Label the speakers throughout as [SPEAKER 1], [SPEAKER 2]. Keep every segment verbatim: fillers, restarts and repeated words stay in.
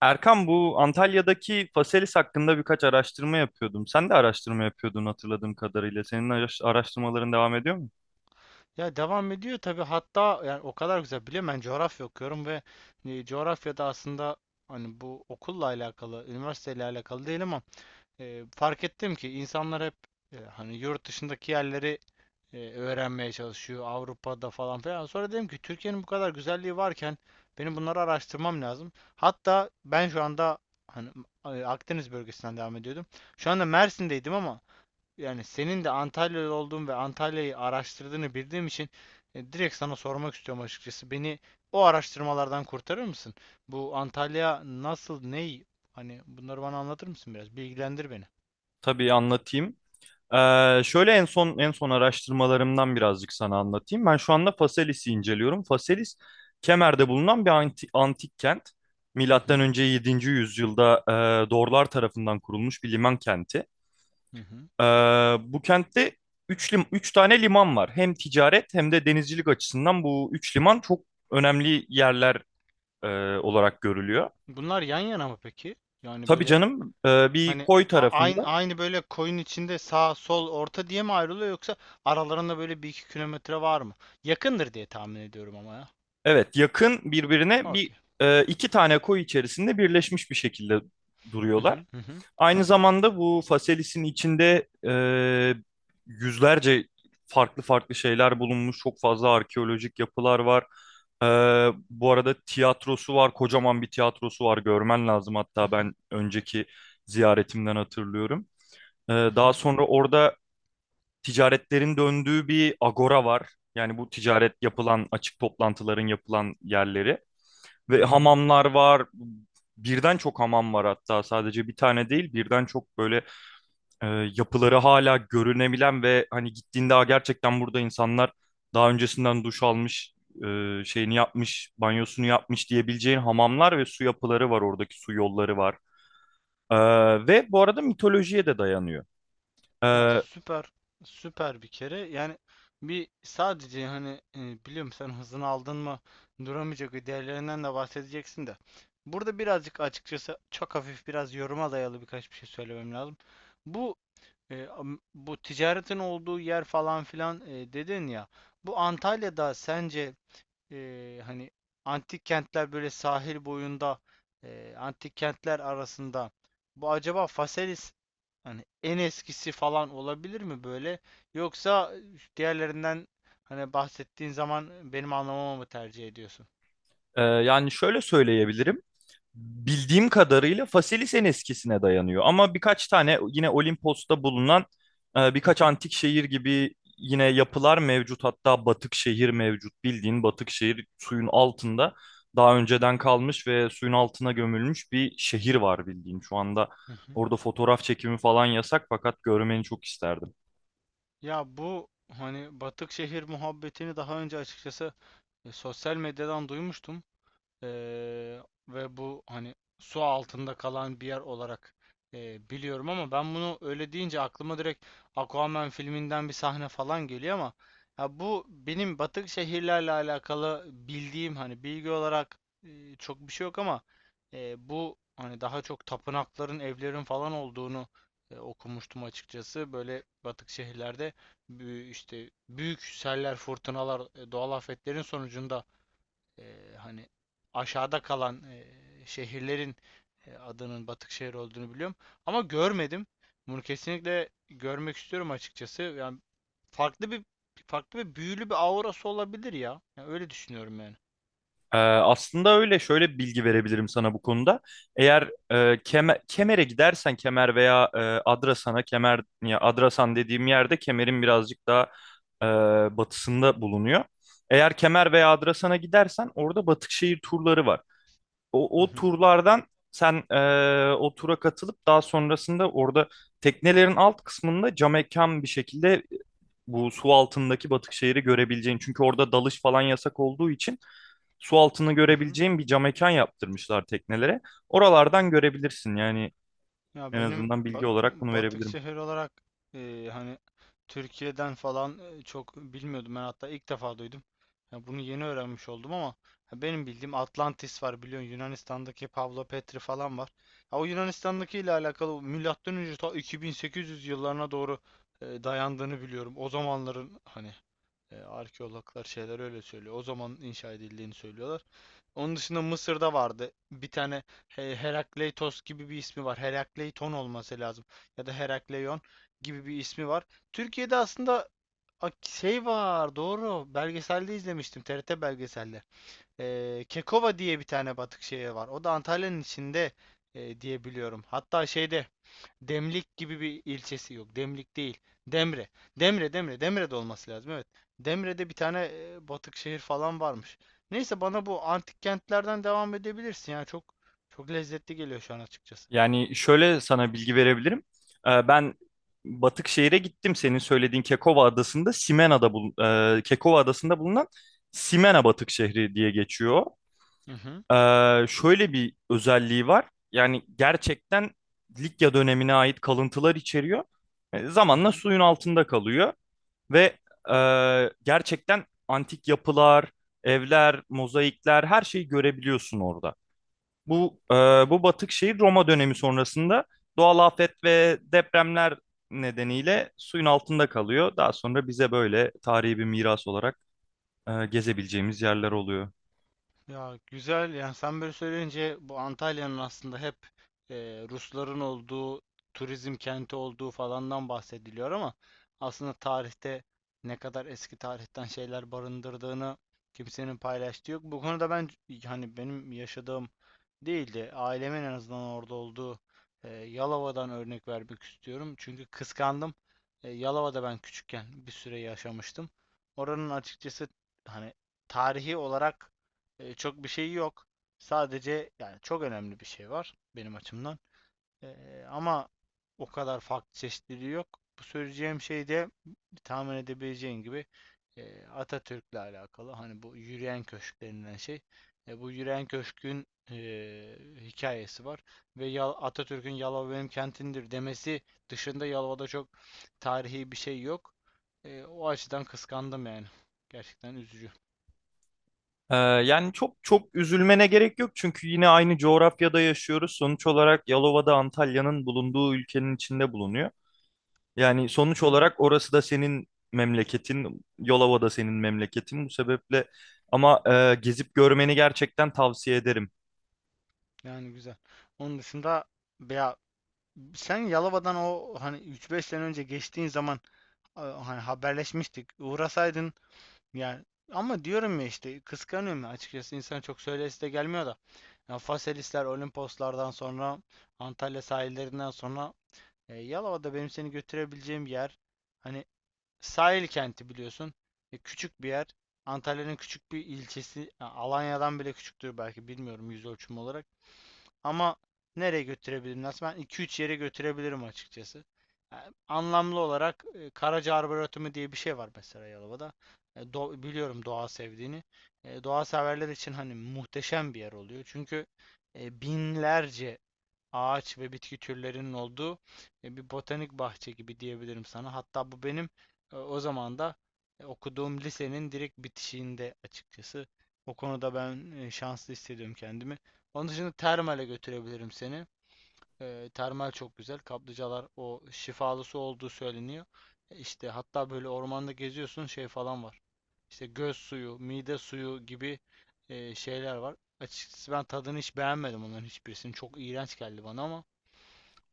[SPEAKER 1] Erkan, bu Antalya'daki Faselis hakkında birkaç araştırma yapıyordum. Sen de araştırma yapıyordun hatırladığım kadarıyla. Senin araş- araştırmaların devam ediyor mu?
[SPEAKER 2] Ya, devam ediyor tabii. Hatta yani o kadar güzel biliyorum, ben coğrafya okuyorum ve e, coğrafyada aslında hani bu okulla alakalı, üniversiteyle alakalı değil ama e, fark ettim ki insanlar hep e, hani yurt dışındaki yerleri e, öğrenmeye çalışıyor Avrupa'da falan filan. Sonra dedim ki Türkiye'nin bu kadar güzelliği varken benim bunları araştırmam lazım. Hatta ben şu anda hani e, Akdeniz bölgesinden devam ediyordum. Şu anda Mersin'deydim ama yani senin de Antalyalı olduğun ve Antalya'yı araştırdığını bildiğim için e, direkt sana sormak istiyorum açıkçası. Beni o araştırmalardan kurtarır mısın? Bu Antalya nasıl, ney? Hani bunları bana anlatır mısın biraz? Bilgilendir beni.
[SPEAKER 1] Tabii anlatayım. Ee, şöyle en son en son araştırmalarımdan birazcık sana anlatayım. Ben şu anda Faselis'i inceliyorum. Faselis Kemer'de bulunan bir anti- antik kent.
[SPEAKER 2] Hı
[SPEAKER 1] Milattan
[SPEAKER 2] hı.
[SPEAKER 1] önce yedinci yüzyılda e, Dorlar tarafından kurulmuş bir liman kenti.
[SPEAKER 2] Hı hı.
[SPEAKER 1] Ee, bu kentte üç lim üç tane liman var. Hem ticaret hem de denizcilik açısından bu üç liman çok önemli yerler e, olarak görülüyor.
[SPEAKER 2] Bunlar yan yana mı peki? Yani
[SPEAKER 1] Tabii
[SPEAKER 2] böyle
[SPEAKER 1] canım, e, bir
[SPEAKER 2] hani
[SPEAKER 1] koy
[SPEAKER 2] a-
[SPEAKER 1] tarafında.
[SPEAKER 2] aynı aynı böyle koyun içinde sağ sol orta diye mi ayrılıyor, yoksa aralarında böyle bir iki kilometre var mı? Yakındır diye tahmin ediyorum ama ya.
[SPEAKER 1] Evet, yakın birbirine. bir
[SPEAKER 2] Okey.
[SPEAKER 1] e, iki tane koy içerisinde birleşmiş bir şekilde
[SPEAKER 2] Hı
[SPEAKER 1] duruyorlar.
[SPEAKER 2] hı. Hı hı.
[SPEAKER 1] Aynı
[SPEAKER 2] Tamam.
[SPEAKER 1] zamanda bu Faselis'in içinde e, yüzlerce farklı farklı şeyler bulunmuş. Çok fazla arkeolojik yapılar var. E, bu arada tiyatrosu var. Kocaman bir tiyatrosu var. Görmen lazım,
[SPEAKER 2] Hı
[SPEAKER 1] hatta
[SPEAKER 2] hı.
[SPEAKER 1] ben önceki ziyaretimden hatırlıyorum. E,
[SPEAKER 2] Hı
[SPEAKER 1] daha
[SPEAKER 2] hı.
[SPEAKER 1] sonra orada ticaretlerin döndüğü bir agora var. Yani bu ticaret yapılan, açık toplantıların yapılan yerleri.
[SPEAKER 2] Hı
[SPEAKER 1] Ve
[SPEAKER 2] hı.
[SPEAKER 1] hamamlar var. Birden çok hamam var, hatta sadece bir tane değil, birden çok böyle e, yapıları hala görünebilen ve hani gittiğinde, "Aa, gerçekten burada insanlar daha öncesinden duş almış, e, şeyini yapmış, banyosunu yapmış," diyebileceğin hamamlar ve su yapıları var, oradaki su yolları var. E, ve bu arada mitolojiye de dayanıyor.
[SPEAKER 2] Ya,
[SPEAKER 1] E,
[SPEAKER 2] süper süper bir kere yani, bir sadece hani e, biliyorum sen hızını aldın mı duramayacak değerlerinden de bahsedeceksin de, burada birazcık açıkçası çok hafif biraz yoruma dayalı birkaç bir şey söylemem lazım. Bu e, am- bu ticaretin olduğu yer falan filan e, dedin ya, bu Antalya'da sence e, hani antik kentler böyle sahil boyunda, e, antik kentler arasında bu acaba Faselis hani en eskisi falan olabilir mi böyle, yoksa diğerlerinden hani bahsettiğin zaman benim anlamamı mı tercih ediyorsun?
[SPEAKER 1] e, yani şöyle söyleyebilirim. Bildiğim kadarıyla Faselis'in eskisine dayanıyor. Ama birkaç tane yine Olimpos'ta bulunan e,
[SPEAKER 2] Hı
[SPEAKER 1] birkaç
[SPEAKER 2] hı.
[SPEAKER 1] antik şehir gibi yine yapılar mevcut. Hatta batık şehir mevcut. Bildiğin, batık şehir suyun altında daha önceden kalmış ve suyun altına gömülmüş bir şehir var, bildiğin. Şu anda
[SPEAKER 2] Hı hı.
[SPEAKER 1] orada fotoğraf çekimi falan yasak, fakat görmeni çok isterdim.
[SPEAKER 2] Ya, bu hani batık şehir muhabbetini daha önce açıkçası e, sosyal medyadan duymuştum. Eee, ve bu hani su altında kalan bir yer olarak eee, biliyorum, ama ben bunu öyle deyince aklıma direkt Aquaman filminden bir sahne falan geliyor ama. Ya, bu benim batık şehirlerle alakalı bildiğim hani bilgi olarak eee, çok bir şey yok ama eee, bu hani daha çok tapınakların, evlerin falan olduğunu eee, okumuştum açıkçası. Böyle batık şehirlerde büyü- işte büyük seller, fırtınalar, e, doğal afetlerin sonucunda e, hani aşağıda kalan e, şehirlerin e, adının batık şehir olduğunu biliyorum. Ama görmedim. Bunu kesinlikle görmek istiyorum açıkçası. Yani farklı bir farklı bir büyülü bir aurası olabilir ya. Yani öyle düşünüyorum yani.
[SPEAKER 1] Ee, aslında öyle, şöyle bir bilgi verebilirim sana bu konuda. Eğer e, Keme- Kemer'e gidersen, Kemer veya e, Adrasan'a. Kemer ya Adrasan dediğim yerde, Kemer'in birazcık daha e, batısında bulunuyor. Eğer Kemer veya Adrasan'a gidersen orada Batıkşehir turları var. O,
[SPEAKER 2] Hı
[SPEAKER 1] o
[SPEAKER 2] hı.
[SPEAKER 1] turlardan sen e, o tura katılıp daha sonrasında orada teknelerin alt kısmında camekan bir şekilde e, bu su altındaki Batıkşehir'i görebileceğin. Çünkü orada dalış falan yasak olduğu için, su altını
[SPEAKER 2] Hı hı.
[SPEAKER 1] görebileceğin bir cam mekan yaptırmışlar teknelere. Oralardan görebilirsin yani,
[SPEAKER 2] Ya
[SPEAKER 1] en
[SPEAKER 2] benim
[SPEAKER 1] azından
[SPEAKER 2] ba-
[SPEAKER 1] bilgi olarak bunu
[SPEAKER 2] batık
[SPEAKER 1] verebilirim.
[SPEAKER 2] şehir olarak e, hani Türkiye'den falan e, çok bilmiyordum. Ben hatta ilk defa duydum. Ya, bunu yeni öğrenmiş oldum ama, ya benim bildiğim Atlantis var biliyorsun, Yunanistan'daki Pavlo Petri falan var. Ya, o Yunanistan'daki ile alakalı milattan önce ta iki bin sekiz yüz yıllarına doğru e, dayandığını biliyorum. O zamanların hani e, arkeologlar şeyler öyle söylüyor. O zaman inşa edildiğini söylüyorlar. Onun dışında Mısır'da vardı. Bir tane He- Herakleitos gibi bir ismi var. Herakleiton olması lazım. Ya da Herakleion gibi bir ismi var. Türkiye'de aslında a- şey var, doğru. Belgeselde izlemiştim. T R T belgeselde. Ee, Kekova diye bir tane batık şehir var. O da Antalya'nın içinde e, diye biliyorum. Hatta şeyde Demlik gibi bir ilçesi yok. Demlik değil. Demre. Demre, Demre, Demre'de olması lazım. Evet. Demre'de bir tane e, batık şehir falan varmış. Neyse, bana bu antik kentlerden devam edebilirsin. Yani çok çok lezzetli geliyor şu an açıkçası.
[SPEAKER 1] Yani şöyle sana bilgi verebilirim. Ee, ben Batıkşehir'e gittim. Senin söylediğin Kekova Adası'nda Simena'da bul e, Kekova Adası'nda bulunan Simena Batık Şehri diye geçiyor.
[SPEAKER 2] Hı hı.
[SPEAKER 1] Ee, şöyle bir özelliği var. Yani gerçekten Likya dönemine ait kalıntılar içeriyor. E,
[SPEAKER 2] Hı
[SPEAKER 1] zamanla
[SPEAKER 2] hı.
[SPEAKER 1] suyun altında kalıyor. Ve e, gerçekten antik yapılar, evler, mozaikler, her şeyi görebiliyorsun orada. Bu e,
[SPEAKER 2] Aa.
[SPEAKER 1] bu batık şehir Roma dönemi sonrasında doğal afet ve depremler nedeniyle suyun altında kalıyor. Daha sonra bize böyle tarihi bir miras olarak e, gezebileceğimiz yerler oluyor.
[SPEAKER 2] Ya güzel, yani sen böyle söyleyince bu Antalya'nın aslında hep e, Rusların olduğu, turizm kenti olduğu falandan bahsediliyor ama aslında tarihte ne kadar eski tarihten şeyler barındırdığını kimsenin paylaştığı yok. Bu konuda ben hani benim yaşadığım değildi. Ailemin en azından orada olduğu e, Yalova'dan örnek vermek istiyorum. Çünkü kıskandım. E, Yalova'da ben küçükken bir süre yaşamıştım. Oranın açıkçası hani tarihi olarak e, çok bir şey yok. Sadece yani çok önemli bir şey var benim açımdan. E, ama o kadar farklı çeşitliliği yok. Bu söyleyeceğim şey de tahmin edebileceğin gibi e, Atatürk'le alakalı. Hani bu yürüyen köşk denilen şey. E, bu yürüyen köşkün e, hikayesi var. Ve Atatürk'ün Yalova benim kentimdir demesi dışında Yalova'da çok tarihi bir şey yok. E, o açıdan kıskandım yani. Gerçekten üzücü.
[SPEAKER 1] E, yani çok çok üzülmene gerek yok, çünkü yine aynı coğrafyada yaşıyoruz. Sonuç olarak Yalova'da Antalya'nın bulunduğu ülkenin içinde bulunuyor. Yani sonuç
[SPEAKER 2] Hı?
[SPEAKER 1] olarak orası da senin memleketin, Yolova da senin memleketin. Bu sebeple, ama e, gezip görmeni gerçekten tavsiye ederim.
[SPEAKER 2] Yani güzel. Onun dışında ya, sen Yalova'dan o hani üç beş sene önce geçtiğin zaman e, hani haberleşmiştik. Uğrasaydın yani, ama diyorum ya işte, kıskanıyorum ya açıkçası, insan çok söylesi de gelmiyor da. Ya, Faselisler, Olimposlardan sonra, Antalya sahillerinden sonra e, Yalova'da benim seni götürebileceğim bir yer. Hani sahil kenti biliyorsun. E, küçük bir yer. Antalya'nın küçük bir ilçesi. Ha, Alanya'dan bile küçüktür belki, bilmiyorum yüz ölçümü olarak. Ama nereye götürebilirim? Aslında ben iki üç yere götürebilirim açıkçası. Yani anlamlı olarak e, Karaca Arboretumu diye bir şey var mesela Yalova'da. E, do- biliyorum doğa sevdiğini. E, doğa severler için hani muhteşem bir yer oluyor. Çünkü e, binlerce ağaç ve bitki türlerinin olduğu e, bir botanik bahçe gibi diyebilirim sana. Hatta bu benim e, o zaman da e, okuduğum lisenin direkt bitişiğinde açıkçası. O konuda ben e, şanslı hissediyorum kendimi. Onun dışında termale götürebilirim seni. E, termal çok güzel. Kaplıcalar o şifalı su olduğu söyleniyor. E, İşte hatta böyle ormanda geziyorsun, şey falan var. İşte göz suyu, mide suyu gibi e, şeyler var. Açıkçası ben tadını hiç beğenmedim onların hiçbirisini. Çok iğrenç geldi bana, ama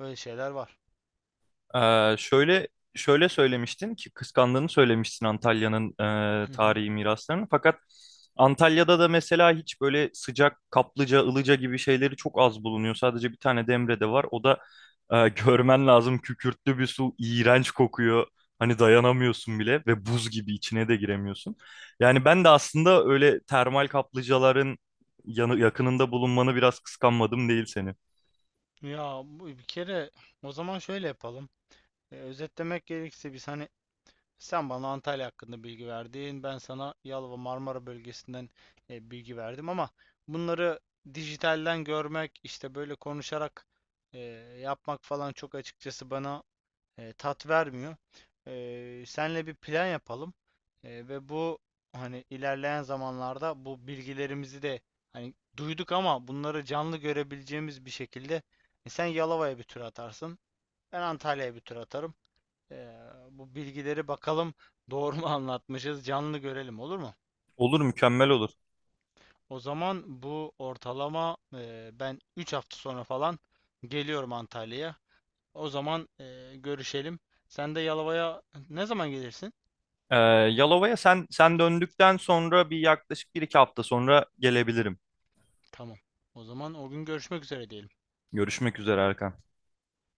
[SPEAKER 2] böyle şeyler var.
[SPEAKER 1] Ee, şöyle şöyle söylemiştin ki, kıskandığını söylemiştin Antalya'nın e,
[SPEAKER 2] Hı hı.
[SPEAKER 1] tarihi miraslarını. Fakat Antalya'da da mesela hiç böyle sıcak kaplıca, ılıca gibi şeyleri çok az bulunuyor. Sadece bir tane Demre'de var. O da e, görmen lazım, kükürtlü bir su, iğrenç kokuyor. Hani dayanamıyorsun bile ve buz gibi, içine de giremiyorsun. Yani ben de aslında öyle termal kaplıcaların yanı, yakınında bulunmanı biraz kıskanmadım değil seni.
[SPEAKER 2] Ya, bu bir kere o zaman şöyle yapalım. E, özetlemek gerekirse, biz hani sen bana Antalya hakkında bilgi verdin, ben sana Yalova, Marmara bölgesinden e, bilgi verdim, ama bunları dijitalden görmek, işte böyle konuşarak e, yapmak falan çok açıkçası bana e, tat vermiyor. Eee senle bir plan yapalım. Eee, ve bu hani ilerleyen zamanlarda bu bilgilerimizi de hani duyduk ama bunları canlı görebileceğimiz bir şekilde, e, sen Yalova'ya bir tur atarsın, ben Antalya'ya bir tur atarım. Eee, bu bilgileri bakalım doğru mu anlatmışız, canlı görelim, olur mu?
[SPEAKER 1] Olur, mükemmel olur.
[SPEAKER 2] O zaman bu ortalama eee, ben üç hafta sonra falan geliyorum Antalya'ya. O zaman eee, görüşelim. Sen de Yalova'ya ne zaman gelirsin?
[SPEAKER 1] Ee, Yalova'ya sen sen döndükten sonra bir yaklaşık bir iki hafta sonra gelebilirim.
[SPEAKER 2] Tamam. O zaman o gün görüşmek üzere diyelim.
[SPEAKER 1] Görüşmek üzere, Erkan.